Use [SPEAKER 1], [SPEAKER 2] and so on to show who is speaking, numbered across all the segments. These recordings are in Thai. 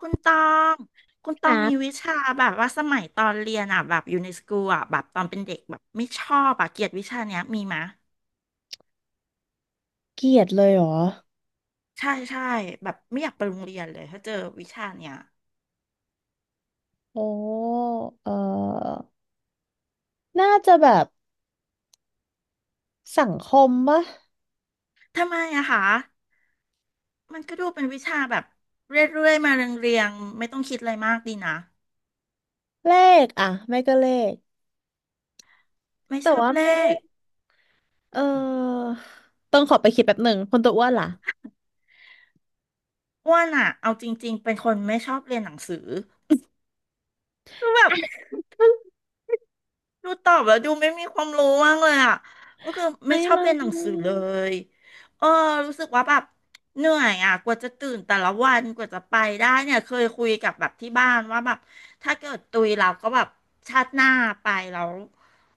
[SPEAKER 1] คุณตองคุณต
[SPEAKER 2] ค
[SPEAKER 1] อ
[SPEAKER 2] รั
[SPEAKER 1] งมีวิ
[SPEAKER 2] บ
[SPEAKER 1] ชาแบบว่าสมัยตอนเรียนอ่ะแบบอยู่ในสกูลอ่ะแบบตอนเป็นเด็กแบบไม่ชอบอ่ะเกลียดวิชาเนี้ยมีมะ
[SPEAKER 2] เกลียดเลยเหรอ
[SPEAKER 1] ใช่ใช่แบบไม่อยากไปโรงเรียนเลยถ้าเจอวิชาเนี้ย
[SPEAKER 2] โอ้ เออน่าจะแบบสังคมปะ
[SPEAKER 1] ทำไมอะคะมันก็ดูเป็นวิชาแบบเรื่อยๆมาเรียงๆไม่ต้องคิดอะไรมากดีนะ
[SPEAKER 2] เลขอะไม่ก็เลข
[SPEAKER 1] ไม่
[SPEAKER 2] แต่
[SPEAKER 1] ชอบ
[SPEAKER 2] ว่า
[SPEAKER 1] เล
[SPEAKER 2] ไม่ได้
[SPEAKER 1] ข
[SPEAKER 2] เออต้องขอไปคิดแป๊บหนึ่งคนตัวอ้วนล่ะ
[SPEAKER 1] อ้วนอะเอาจริงๆเป็นคนไม่ชอบเรียนหนังสือคือแบบ ดูตอบแล้วดูไม่มีความรู้มากเลยอ่ะก็คือไม่
[SPEAKER 2] ไม่
[SPEAKER 1] ชอบ
[SPEAKER 2] เล
[SPEAKER 1] เรียนหนังสือเล
[SPEAKER 2] ย
[SPEAKER 1] ยเออรู้สึกว่าแบบเหนื่อยอ่ะกว่าจะตื่นแต่ละวันกว่าจะไปได้เนี่ยเคยคุยกับแบบที่บ้านว่าแบบถ้าเกิดตุยเราก็แบบชาติหน้าไปแล้ว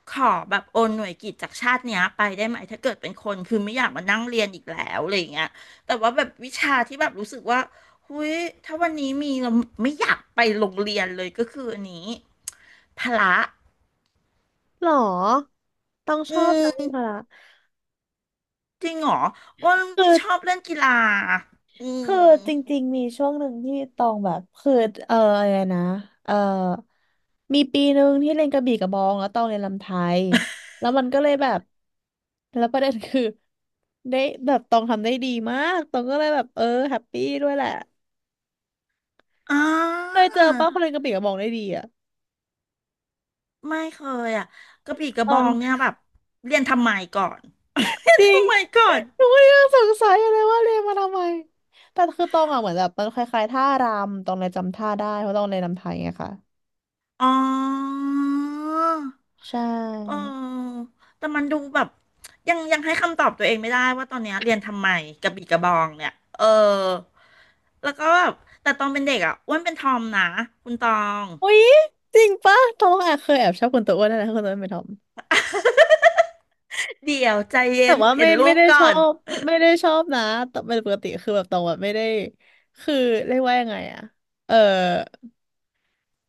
[SPEAKER 1] ขอแบบโอนหน่วยกิตจากชาติเนี้ยไปได้ไหมถ้าเกิดเป็นคนคือไม่อยากมานั่งเรียนอีกแล้วอะไรอย่างเงี้ยแต่ว่าแบบวิชาที่แบบรู้สึกว่าหุยถ้าวันนี้มีเราไม่อยากไปโรงเรียนเลยก็คืออันนี้พละ
[SPEAKER 2] หรอ ต้องช
[SPEAKER 1] อื
[SPEAKER 2] อบนะนก่
[SPEAKER 1] ม
[SPEAKER 2] ค่ะะ
[SPEAKER 1] จริงเหรออ้วน
[SPEAKER 2] คื
[SPEAKER 1] ไม่
[SPEAKER 2] อ
[SPEAKER 1] ชอบเล่นกีฬาอื
[SPEAKER 2] คื
[SPEAKER 1] ม
[SPEAKER 2] อจริงๆมีช่วงหนึ่งที่ตองแบบคือเอออะไรนะเออมีปีหนึ่งที่เรียนกระบี่กระบองแล้วตองเรียนรำไทยแล้วมันก็เลยแบบแล้วประเด็นคือได้แบบตองทำได้ดีมากตองก็เลยแบบแฮปปี้ด้วยแหละ
[SPEAKER 1] อ่
[SPEAKER 2] เค
[SPEAKER 1] า
[SPEAKER 2] ยเจอป้าคนเรียนกระบี่กระบองได้ดีอะ
[SPEAKER 1] ไม่เคยอ่ะกระบี่กระ
[SPEAKER 2] ตอ
[SPEAKER 1] บอ
[SPEAKER 2] ง
[SPEAKER 1] งเนี่ยแบบเรียนทำไมก่อน เรีย
[SPEAKER 2] จ
[SPEAKER 1] น
[SPEAKER 2] ริง
[SPEAKER 1] ทำไมก่อน
[SPEAKER 2] หนูก็ยังสงสัยอยู่เลยว่าเรียนมาทำไมแต่คือตองอ่ะเหมือนแบบมันคล้ายๆท่ารำตองเลยจำท่าได้เพราะตองเรียนรำไทยไงค่ะ
[SPEAKER 1] อ๋อ
[SPEAKER 2] ใช่
[SPEAKER 1] เออแต่มันดูแบบยังให้คำตอบตัวเองไม่ได้ว่าตอนเนี้ยเรียนทำไมกระบี่กระบองเนี่ยเออแล้วก็แบบแต่ตอนเป็นเด็กอ่ะอ้วนเป็นทอมนะคุณตอง
[SPEAKER 2] อุ๊ยจริงปะทอมอ่ะเคยแอบชอบคนตัวอ้วนนะคนตัวอ้วนเป็นทอม
[SPEAKER 1] เดี๋ยวใจเย็
[SPEAKER 2] แต่
[SPEAKER 1] น
[SPEAKER 2] ว่า
[SPEAKER 1] เห็
[SPEAKER 2] ไม่
[SPEAKER 1] นรู
[SPEAKER 2] ไม่
[SPEAKER 1] ป
[SPEAKER 2] ได้
[SPEAKER 1] ก่อ
[SPEAKER 2] ชอ
[SPEAKER 1] น
[SPEAKER 2] บไม่ได้ชอบนะแต่เป็นปกติคือแบบตรงแบบไม่ได้คือเรียกว่ายังไงอะเออ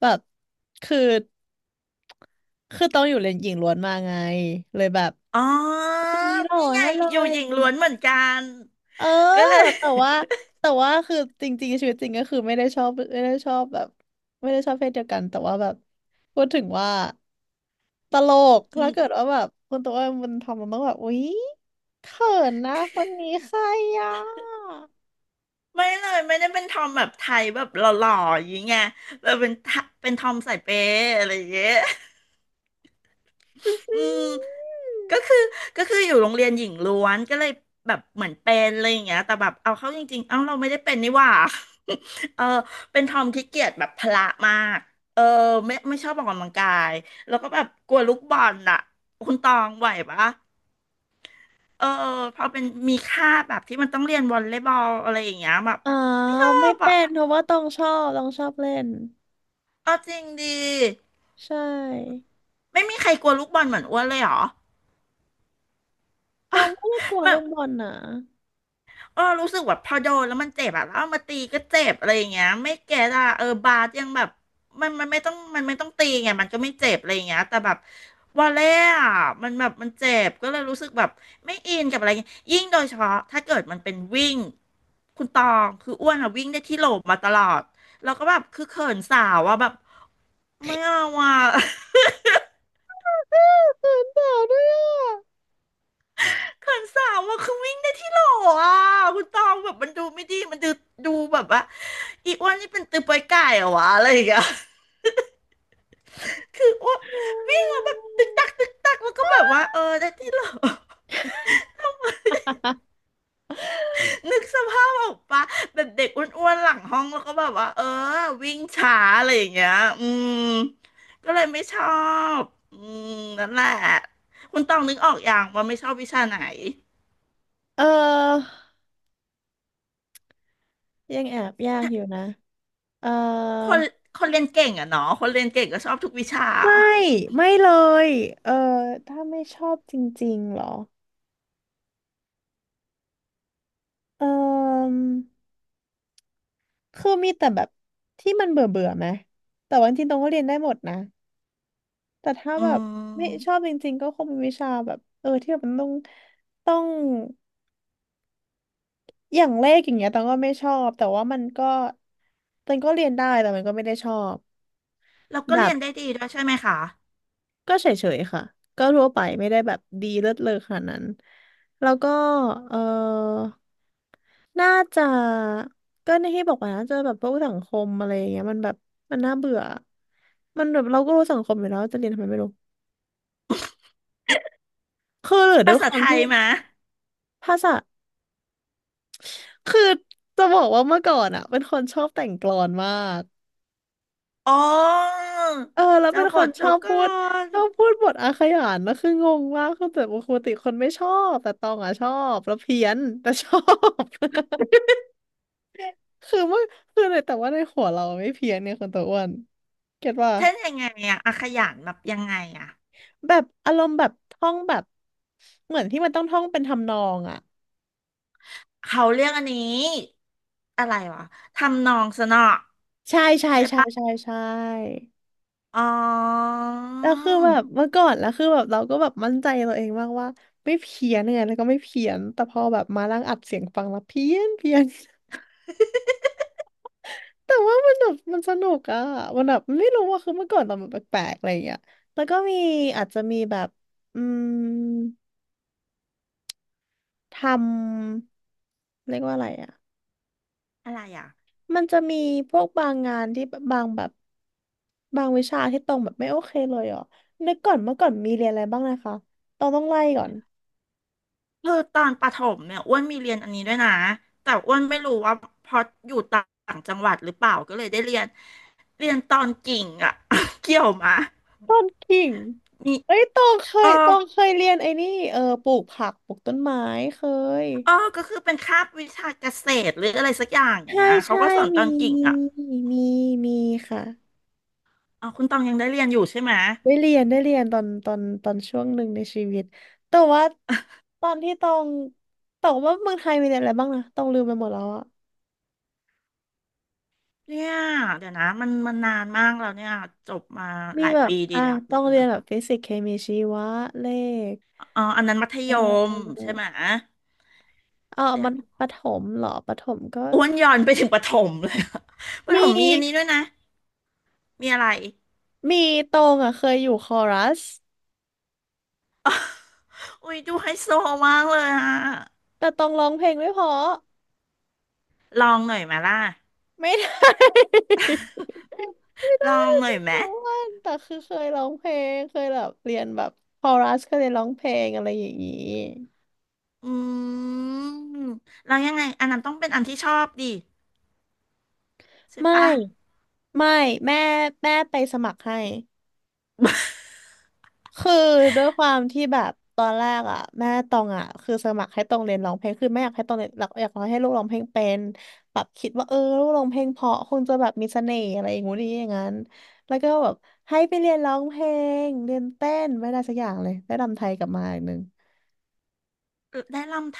[SPEAKER 2] แบบคือคือต้องอยู่เลนหญิงล้วนมาไงเลยแบบ
[SPEAKER 1] อ๋อ
[SPEAKER 2] คนนี้หล่อ
[SPEAKER 1] นี่ไง
[SPEAKER 2] แน่เล
[SPEAKER 1] อยู่
[SPEAKER 2] ย
[SPEAKER 1] หญิงล้วนเหมือนกัน
[SPEAKER 2] เออ
[SPEAKER 1] ก็เลย
[SPEAKER 2] แต่ว่าแต่ว่าคือจริงๆชีวิตจริงก็คือไม่ได้ชอบไม่ได้ชอบแบบไม่ได้ชอบเพศเดียวกันแต่ว่าแบบพูดถึงว่าตลก
[SPEAKER 1] อื
[SPEAKER 2] ถ้า
[SPEAKER 1] ม
[SPEAKER 2] เกิดว่าแบบคนตัวเองมันทำมันต้องแบบอุ๊ยเขินนะคนนี้ใครอ่ะ
[SPEAKER 1] ไม่เลยไม่ได้เป็นทอมแบบไทยแบบหล่อๆอย่างเงี้ยแบบเป็นทะเป็นทอมสายเปย์อะไรอย่างเงี้ย
[SPEAKER 2] อื้อ
[SPEAKER 1] อื
[SPEAKER 2] หื
[SPEAKER 1] ม
[SPEAKER 2] อ
[SPEAKER 1] ก็คือก็คืออยู่โรงเรียนหญิงล้วนก็เลยแบบเหมือนเป็นอะไรอย่างเงี้ยแต่แบบเอาเข้าจริงๆเอ้าเราไม่ได้เป็นนี่หว่า เออเป็นทอมที่เกียจแบบพละมากเออไม่ชอบออกกำลังกายแล้วก็แบบกลัวลูกบอลอ่ะคุณตองไหวปะ เออพอเป็นมีค่าแบบที่มันต้องเรียนวอลเลย์บอลอะไรอย่างเงี้ยแบบ
[SPEAKER 2] อ๋อ
[SPEAKER 1] ไม่ชอ
[SPEAKER 2] ไม่
[SPEAKER 1] บอ่ะ
[SPEAKER 2] เป็นเพราะว่าต้องชอบเล่น
[SPEAKER 1] เอาจริงดี
[SPEAKER 2] ใช่
[SPEAKER 1] ไม่มีใครกลัวลูกบอลเหมือนอ้วนเลยเหรอ
[SPEAKER 2] ต้องไม่ได้กลัว
[SPEAKER 1] แบ
[SPEAKER 2] ลู
[SPEAKER 1] บ
[SPEAKER 2] กบอลนะ
[SPEAKER 1] เออรู้สึกแบบพอโดนแล้วมันเจ็บอะแล้วเอามาตีก็เจ็บอะไรอย่างเงี้ยไม่แก่อะเออบาสยังแบบมันไม่ต้องตีไงมันก็ไม่เจ็บอะไรอย่างเงี้ยแต่แบบวอลเล่อะมันแบบมันเจ็บก็เลยรู้สึกแบบไม่อินกับอะไรอย่างเงี้ยยิ่งโดยเฉพาะถ้าเกิดมันเป็นวิ่งคุณตองคืออ้วนอะวิ่งได้ที่โหลมาตลอดแล้วก็แบบคือเขินสาวอะแบบไม่เอาอะ
[SPEAKER 2] เขินสาวด้วยอ่ะ
[SPEAKER 1] เขินสาวอะคือวิ่งได้ที่โหลอ่ะคุณตองแบบมันดูไม่ดีมันดูดูแบบว่าอีอ้วนนี่เป็นตือปอยไก่เหรอวะอะไรอย่างเงี้ย คืออ้วนวิ่งมาแบบตึกตักตึกตักแล้วก็แบบว่าเออได้ที่โหล นึกสภาพออกปะแบบเด็กอ้วนๆหลังห้องแล้วก็แบบว่าเออวิ่งช้าอะไรอย่างเงี้ยอืมก็เลยไม่ชอบอืมนั่นแหละคุณตองนึกออกอย่างว่าไม่ชอบวิชาไหน
[SPEAKER 2] เออยังแอบยากอยู่นะเออ
[SPEAKER 1] คนคนเรียนเก่งอะเนาะคนเรียนเก่งก็ชอบทุกวิชา
[SPEAKER 2] ไม่ไม่เลยเออถ้าไม่ชอบจริงๆเหรอเออคือมีแต่แบบที่มันเบื่อเบื่อไหมแต่ว่าจริงๆตรงก็เรียนได้หมดนะแต่ถ้า
[SPEAKER 1] อื
[SPEAKER 2] แบบไม่ชอบ
[SPEAKER 1] ม
[SPEAKER 2] จริงๆก็คงเป็นวิชาแบบที่แบบมันต้องอย่างเลขอย่างเงี้ยตองก็ไม่ชอบแต่ว่ามันก็ตองก็เรียนได้แต่มันก็ไม่ได้ชอบ
[SPEAKER 1] เราก็
[SPEAKER 2] แบ
[SPEAKER 1] เรี
[SPEAKER 2] บ
[SPEAKER 1] ยนได้ดีด้วยใช่ไหมคะ
[SPEAKER 2] ก็เฉยๆค่ะก็ทั่วไปไม่ได้แบบดีเลิศเลอขนาดนั้นแล้วก็เออน่าจะก็ในที่บอกว่าน่าจะแบบพวกสังคมอะไรอย่างเงี้ยมันแบบมันน่าเบื่อมันแบบเราก็รู้สังคมอยู่แล้วจะเรียนทำไมไม่รู้คือหรือด้ว
[SPEAKER 1] ภา
[SPEAKER 2] ย
[SPEAKER 1] ษา
[SPEAKER 2] ควา
[SPEAKER 1] ไท
[SPEAKER 2] ม
[SPEAKER 1] ย
[SPEAKER 2] ที่
[SPEAKER 1] มะ
[SPEAKER 2] ภาษาคือจะบอกว่าเมื่อก่อนอ่ะเป็นคนชอบแต่งกลอนมาก
[SPEAKER 1] อ๋อ
[SPEAKER 2] แล้วเป็
[SPEAKER 1] เจ้า
[SPEAKER 2] น
[SPEAKER 1] บ
[SPEAKER 2] คน
[SPEAKER 1] ท
[SPEAKER 2] ชอ
[SPEAKER 1] เจ้า
[SPEAKER 2] บ
[SPEAKER 1] ก
[SPEAKER 2] พูด
[SPEAKER 1] ร
[SPEAKER 2] ชอบพูดบทอาขยานนะคืองงมากคือแต่ปกติคนไม่ชอบแต่ตองอ่ะชอบแล้วเพี้ยนแต่ชอบ คือว่าคือเลยแต่ว่าในหัวเราไม่เพี้ยนเนี่ยคนตัวอ้วนเก็ตว่า
[SPEAKER 1] เช่นยังไงอะอาขยานแบบยังไงอะ
[SPEAKER 2] แบบอารมณ์แบบท่องแบบเหมือนที่มันต้องท่องเป็นทำนองอ่ะ
[SPEAKER 1] เขาเรียกอันนี้อะไรวะทำนองสนอ
[SPEAKER 2] ใช่ใช่
[SPEAKER 1] ใช่
[SPEAKER 2] ใช่
[SPEAKER 1] ปะ
[SPEAKER 2] ใช่ใช่
[SPEAKER 1] อ๋อ
[SPEAKER 2] แล้วคือแบบเมื่อก่อนแล้วคือแบบเราก็แบบมั่นใจตัวเองมากว่าไม่เพี้ยนไงแล้วก็ไม่เพี้ยนแต่พอแบบมานั่งอัดเสียงฟังแล้วเพี้ยนเพี้ยน แต่ว่ามันแบบมันสนุกอะมันแบบไม่รู้ว่าคือเมื่อก่อนเราแบบแปลกๆอะไรอย่างเงี้ยแล้วก็มีอาจจะมีแบบอืม ทำเรียกว่าอะไรอ่ะ
[SPEAKER 1] อะไรอ่ะ
[SPEAKER 2] มันจะมีพวกบางงานที่บางแบบบางวิชาที่ตรงแบบไม่โอเคเลยอ่ะนึกก่อนเมื่อก่อนมีเรียนอะไรบ้างนะคะตองต้องไล่ก่อน
[SPEAKER 1] คือตอนประถมเนี่ยอ้วนมีเรียนอันนี้ด้วยนะแต่อ้วนไม่รู้ว่าเพราะอยู่ต่างจังหวัดหรือเปล่าก็เลยได้เรียนเรียนตอนกิ่งอ่ะ เกี่ยวมะ
[SPEAKER 2] ต้นกิ่ง
[SPEAKER 1] มี
[SPEAKER 2] เอ้ยตองเค
[SPEAKER 1] เออ
[SPEAKER 2] ยตองเคยเรียนไอ้นี่ปลูกผักปลูกต้นไม้เคย
[SPEAKER 1] เออก็คือเป็นคาบวิชาเกษตรหรืออะไรสักอย่าง
[SPEAKER 2] ใช่
[SPEAKER 1] เงี้ยเขา
[SPEAKER 2] ใช่
[SPEAKER 1] ก็สอนต
[SPEAKER 2] มี
[SPEAKER 1] อนกิ่ง
[SPEAKER 2] มี
[SPEAKER 1] อ่ะ
[SPEAKER 2] มีมีค่ะ
[SPEAKER 1] อ๋อคุณตองยังได้เรียนอยู่ใช่ไหม
[SPEAKER 2] ได้เรียนตอนช่วงหนึ่งในชีวิตแต่ว่าตอนที่ต้องแต่ว่าเมืองไทยมีเรียนอะไรบ้างนะต้องลืมไปหมดแล้วอะ
[SPEAKER 1] เนี่ยเดี๋ยวนะมันมันนานมากแล้วเนี่ยจบมา
[SPEAKER 2] มี
[SPEAKER 1] หลาย
[SPEAKER 2] แบบ
[SPEAKER 1] ปีดี
[SPEAKER 2] อ่ะ
[SPEAKER 1] ดัก
[SPEAKER 2] ต้
[SPEAKER 1] เดี๋
[SPEAKER 2] อ
[SPEAKER 1] ยว
[SPEAKER 2] ง
[SPEAKER 1] กัน
[SPEAKER 2] เรียน
[SPEAKER 1] นะ
[SPEAKER 2] แบบฟิสิกส์เคมีชีวะเลข
[SPEAKER 1] อ๋ออันนั้นมัธ
[SPEAKER 2] เอ
[SPEAKER 1] ย
[SPEAKER 2] อเอ
[SPEAKER 1] มใช่
[SPEAKER 2] อ
[SPEAKER 1] ไหม
[SPEAKER 2] เอ
[SPEAKER 1] เดี๋ย
[SPEAKER 2] มั
[SPEAKER 1] ว
[SPEAKER 2] นประถมเหรอประถมก็
[SPEAKER 1] อ้วนย้อนไปถึงประถมเลยอะ ประถ
[SPEAKER 2] มี
[SPEAKER 1] มมีอันนี้ด้วยนะมีอะไร
[SPEAKER 2] มีตรงอ่ะเคยอยู่คอรัส
[SPEAKER 1] อุ้ยดูไฮโซมากเลยอะ
[SPEAKER 2] แต่ตรงร้องเพลงไม่เพอ
[SPEAKER 1] ลองหน่อยไหมาล่ะ
[SPEAKER 2] ไม่ได้ ไม่
[SPEAKER 1] ล
[SPEAKER 2] ได้
[SPEAKER 1] องหน่
[SPEAKER 2] ท
[SPEAKER 1] อยไหม
[SPEAKER 2] ุกวันแต่คือเคยร้องเพลงเคยแบบเรียนแบบคอรัสเคยเรียนร้องเพลงอะไรอย่างนี้
[SPEAKER 1] อืมแล้วยังไงอันนั้นต้องเป็นอันที่ชอบดิใช่
[SPEAKER 2] ไม
[SPEAKER 1] ปะ
[SPEAKER 2] ่ไม่แม่แม่ไปสมัครให้ คือด้วยความที่แบบตอนแรกอ่ะแม่ตองอ่ะคือสมัครให้ตองเรียนร้องเพลงคือไม่อยากให้ตองเรียนหลักอยากให้ลูกร้องเพลงเป็นแบบคิดว่าลูกร้องเพลงเพราะคงจะแบบมีเสน่ห์อะไรอย่างงู้นอย่างนี้อย่างนั้นแล้วก็แบบให้ไปเรียนร้องเพลงเรียนเต้นไม่ได้สักอย่างเลยได้รำไทยกลับมาอีกหนึ่ง
[SPEAKER 1] เออได้ลำไท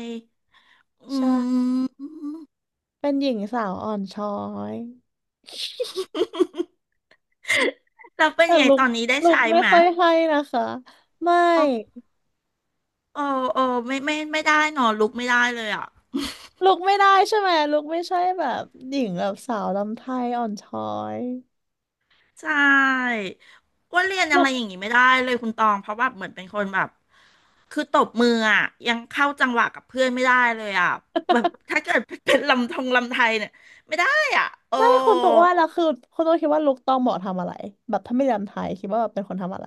[SPEAKER 1] ยอื
[SPEAKER 2] ใช่
[SPEAKER 1] ม
[SPEAKER 2] เป็นหญิงสาวอ่อนช้อย
[SPEAKER 1] แล้วเป็น
[SPEAKER 2] แต่
[SPEAKER 1] ยังไง
[SPEAKER 2] ลุก
[SPEAKER 1] ตอนนี้ได้
[SPEAKER 2] ลุก
[SPEAKER 1] ใช้
[SPEAKER 2] ไม่
[SPEAKER 1] ไหม
[SPEAKER 2] ค่อยให้นะคะไม่
[SPEAKER 1] โอ้โอ้โอ้ไม่ไม่ไม่ได้หนอลุกไม่ได้เลยอ่ะ
[SPEAKER 2] ลุกไม่ได้ใช่ไหมลุกไม่ใช่แบบหญิงแบบสาวลำไทยอ่อนช้อย
[SPEAKER 1] ใช่อ้ว่าเรียนอะไรอย่างงี้ไม่ได้เลยคุณตองเพราะแบบเหมือนเป็นคนแบบคือตบมืออ่ะยังเข้าจังหวะกับเพื่อนไม่ได้เลยอ่ะแบบถ้าเกิดเป็นลำทงลำไทยเนี่ยไม่ได้อ่ะโอ้
[SPEAKER 2] ไม่คนตัวอ้วนแล้วคือคนตัวคิดว่าลุคตองเหมาะทำอะไรแบบถ้าไม่เรียนไทยคิดว่าแบบเป็นคนทำอะไร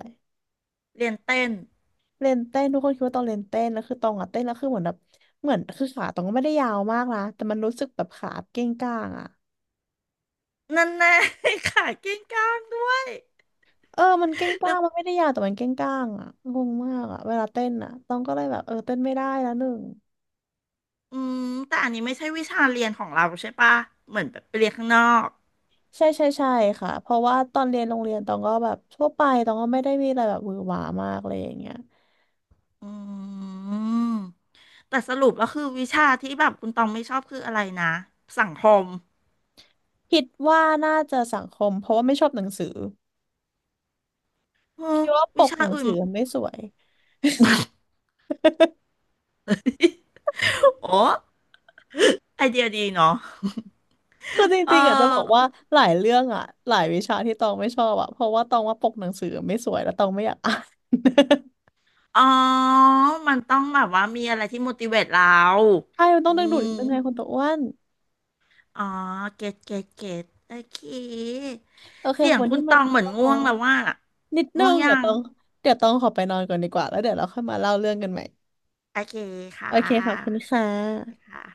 [SPEAKER 1] เรียนเต้น
[SPEAKER 2] เล่นเต้นทุกคนคิดว่าตองเล่นเต้นแล้วคือตองอะเต้นแล้วคือเหมือนแบบเหมือนคือขาตองก็ไม่ได้ยาวมากนะแต่มันรู้สึกแบบขาเก้งก้างอะ
[SPEAKER 1] นั่นแน่ ขาเก้งก้างด้วย
[SPEAKER 2] มันเก้งก้างมันไม่ได้ยาวแต่มันเก้งก้างอะงงมากอะเวลาเต้นอะตองก็เลยแบบเต้นไม่ได้แล้วหนึ่ง
[SPEAKER 1] อืมแต่อันนี้ไม่ใช่วิชาเรียนของเราใช่ปะเหมือนแบบไปเรียนข้างนอก
[SPEAKER 2] ใช่ใช่ใช่ค่ะเพราะว่าตอนเรียนโรงเรียนตองก็แบบทั่วไปตองก็ไม่ได้มีอะไรแบบหวือหวามากอะไรอย่างเงี้ย
[SPEAKER 1] อืมแต่สรุปแล้วคือวิชาที่แบบคุณตองไม่ชอบคืออะไรนะสังคม
[SPEAKER 2] คิดว่าน่าจะสังคมเพราะว่าไม่ชอบหนังสือ
[SPEAKER 1] เออ
[SPEAKER 2] คิดว่าป
[SPEAKER 1] วิ
[SPEAKER 2] ก
[SPEAKER 1] ชา
[SPEAKER 2] หนัง
[SPEAKER 1] อื่
[SPEAKER 2] สื
[SPEAKER 1] น
[SPEAKER 2] อมันไม่สวย
[SPEAKER 1] โอ้ ไอเดียดีเนาะ
[SPEAKER 2] คือจ
[SPEAKER 1] เ
[SPEAKER 2] ริงๆอ่ะจะบอก
[SPEAKER 1] อ
[SPEAKER 2] ว่า
[SPEAKER 1] อ
[SPEAKER 2] หลายเรื่องอ่ะหลายวิชาที่ตองไม่ชอบอ่ะเพราะว่าตองว่าปกหนังสือไม่สวยแล้วตองไม่อยากอ่าน
[SPEAKER 1] อ๋อมันต้องแบบว่ามีอะไรที่ motivate เรา
[SPEAKER 2] ใช่มันต้อง
[SPEAKER 1] อื
[SPEAKER 2] ดึงดูดนิด
[SPEAKER 1] ม
[SPEAKER 2] นึงไงคนตัวอ้วน
[SPEAKER 1] อ๋อเก็ตเก็ตเก็ตโอเค
[SPEAKER 2] โอเค
[SPEAKER 1] เสี
[SPEAKER 2] ขอ
[SPEAKER 1] ย
[SPEAKER 2] บ
[SPEAKER 1] ง
[SPEAKER 2] คน
[SPEAKER 1] คุ
[SPEAKER 2] ที่
[SPEAKER 1] ณต
[SPEAKER 2] ไมา
[SPEAKER 1] องเหมือน
[SPEAKER 2] อ๋
[SPEAKER 1] ง่
[SPEAKER 2] อ
[SPEAKER 1] วงแล้วว่า
[SPEAKER 2] นิดนึ
[SPEAKER 1] ง่วง
[SPEAKER 2] ง
[SPEAKER 1] ยั
[SPEAKER 2] เดี๋ยวต
[SPEAKER 1] ง
[SPEAKER 2] องเดี๋ยวตองขอไปนอนก่อนดีกว่าแล้วเดี๋ยวเราค่อยมาเล่าเรื่องกันใหม่
[SPEAKER 1] โอเคค่
[SPEAKER 2] โอเคขอบคุณ
[SPEAKER 1] ะ
[SPEAKER 2] ค่
[SPEAKER 1] สวัสดี
[SPEAKER 2] ะ
[SPEAKER 1] ค่ะ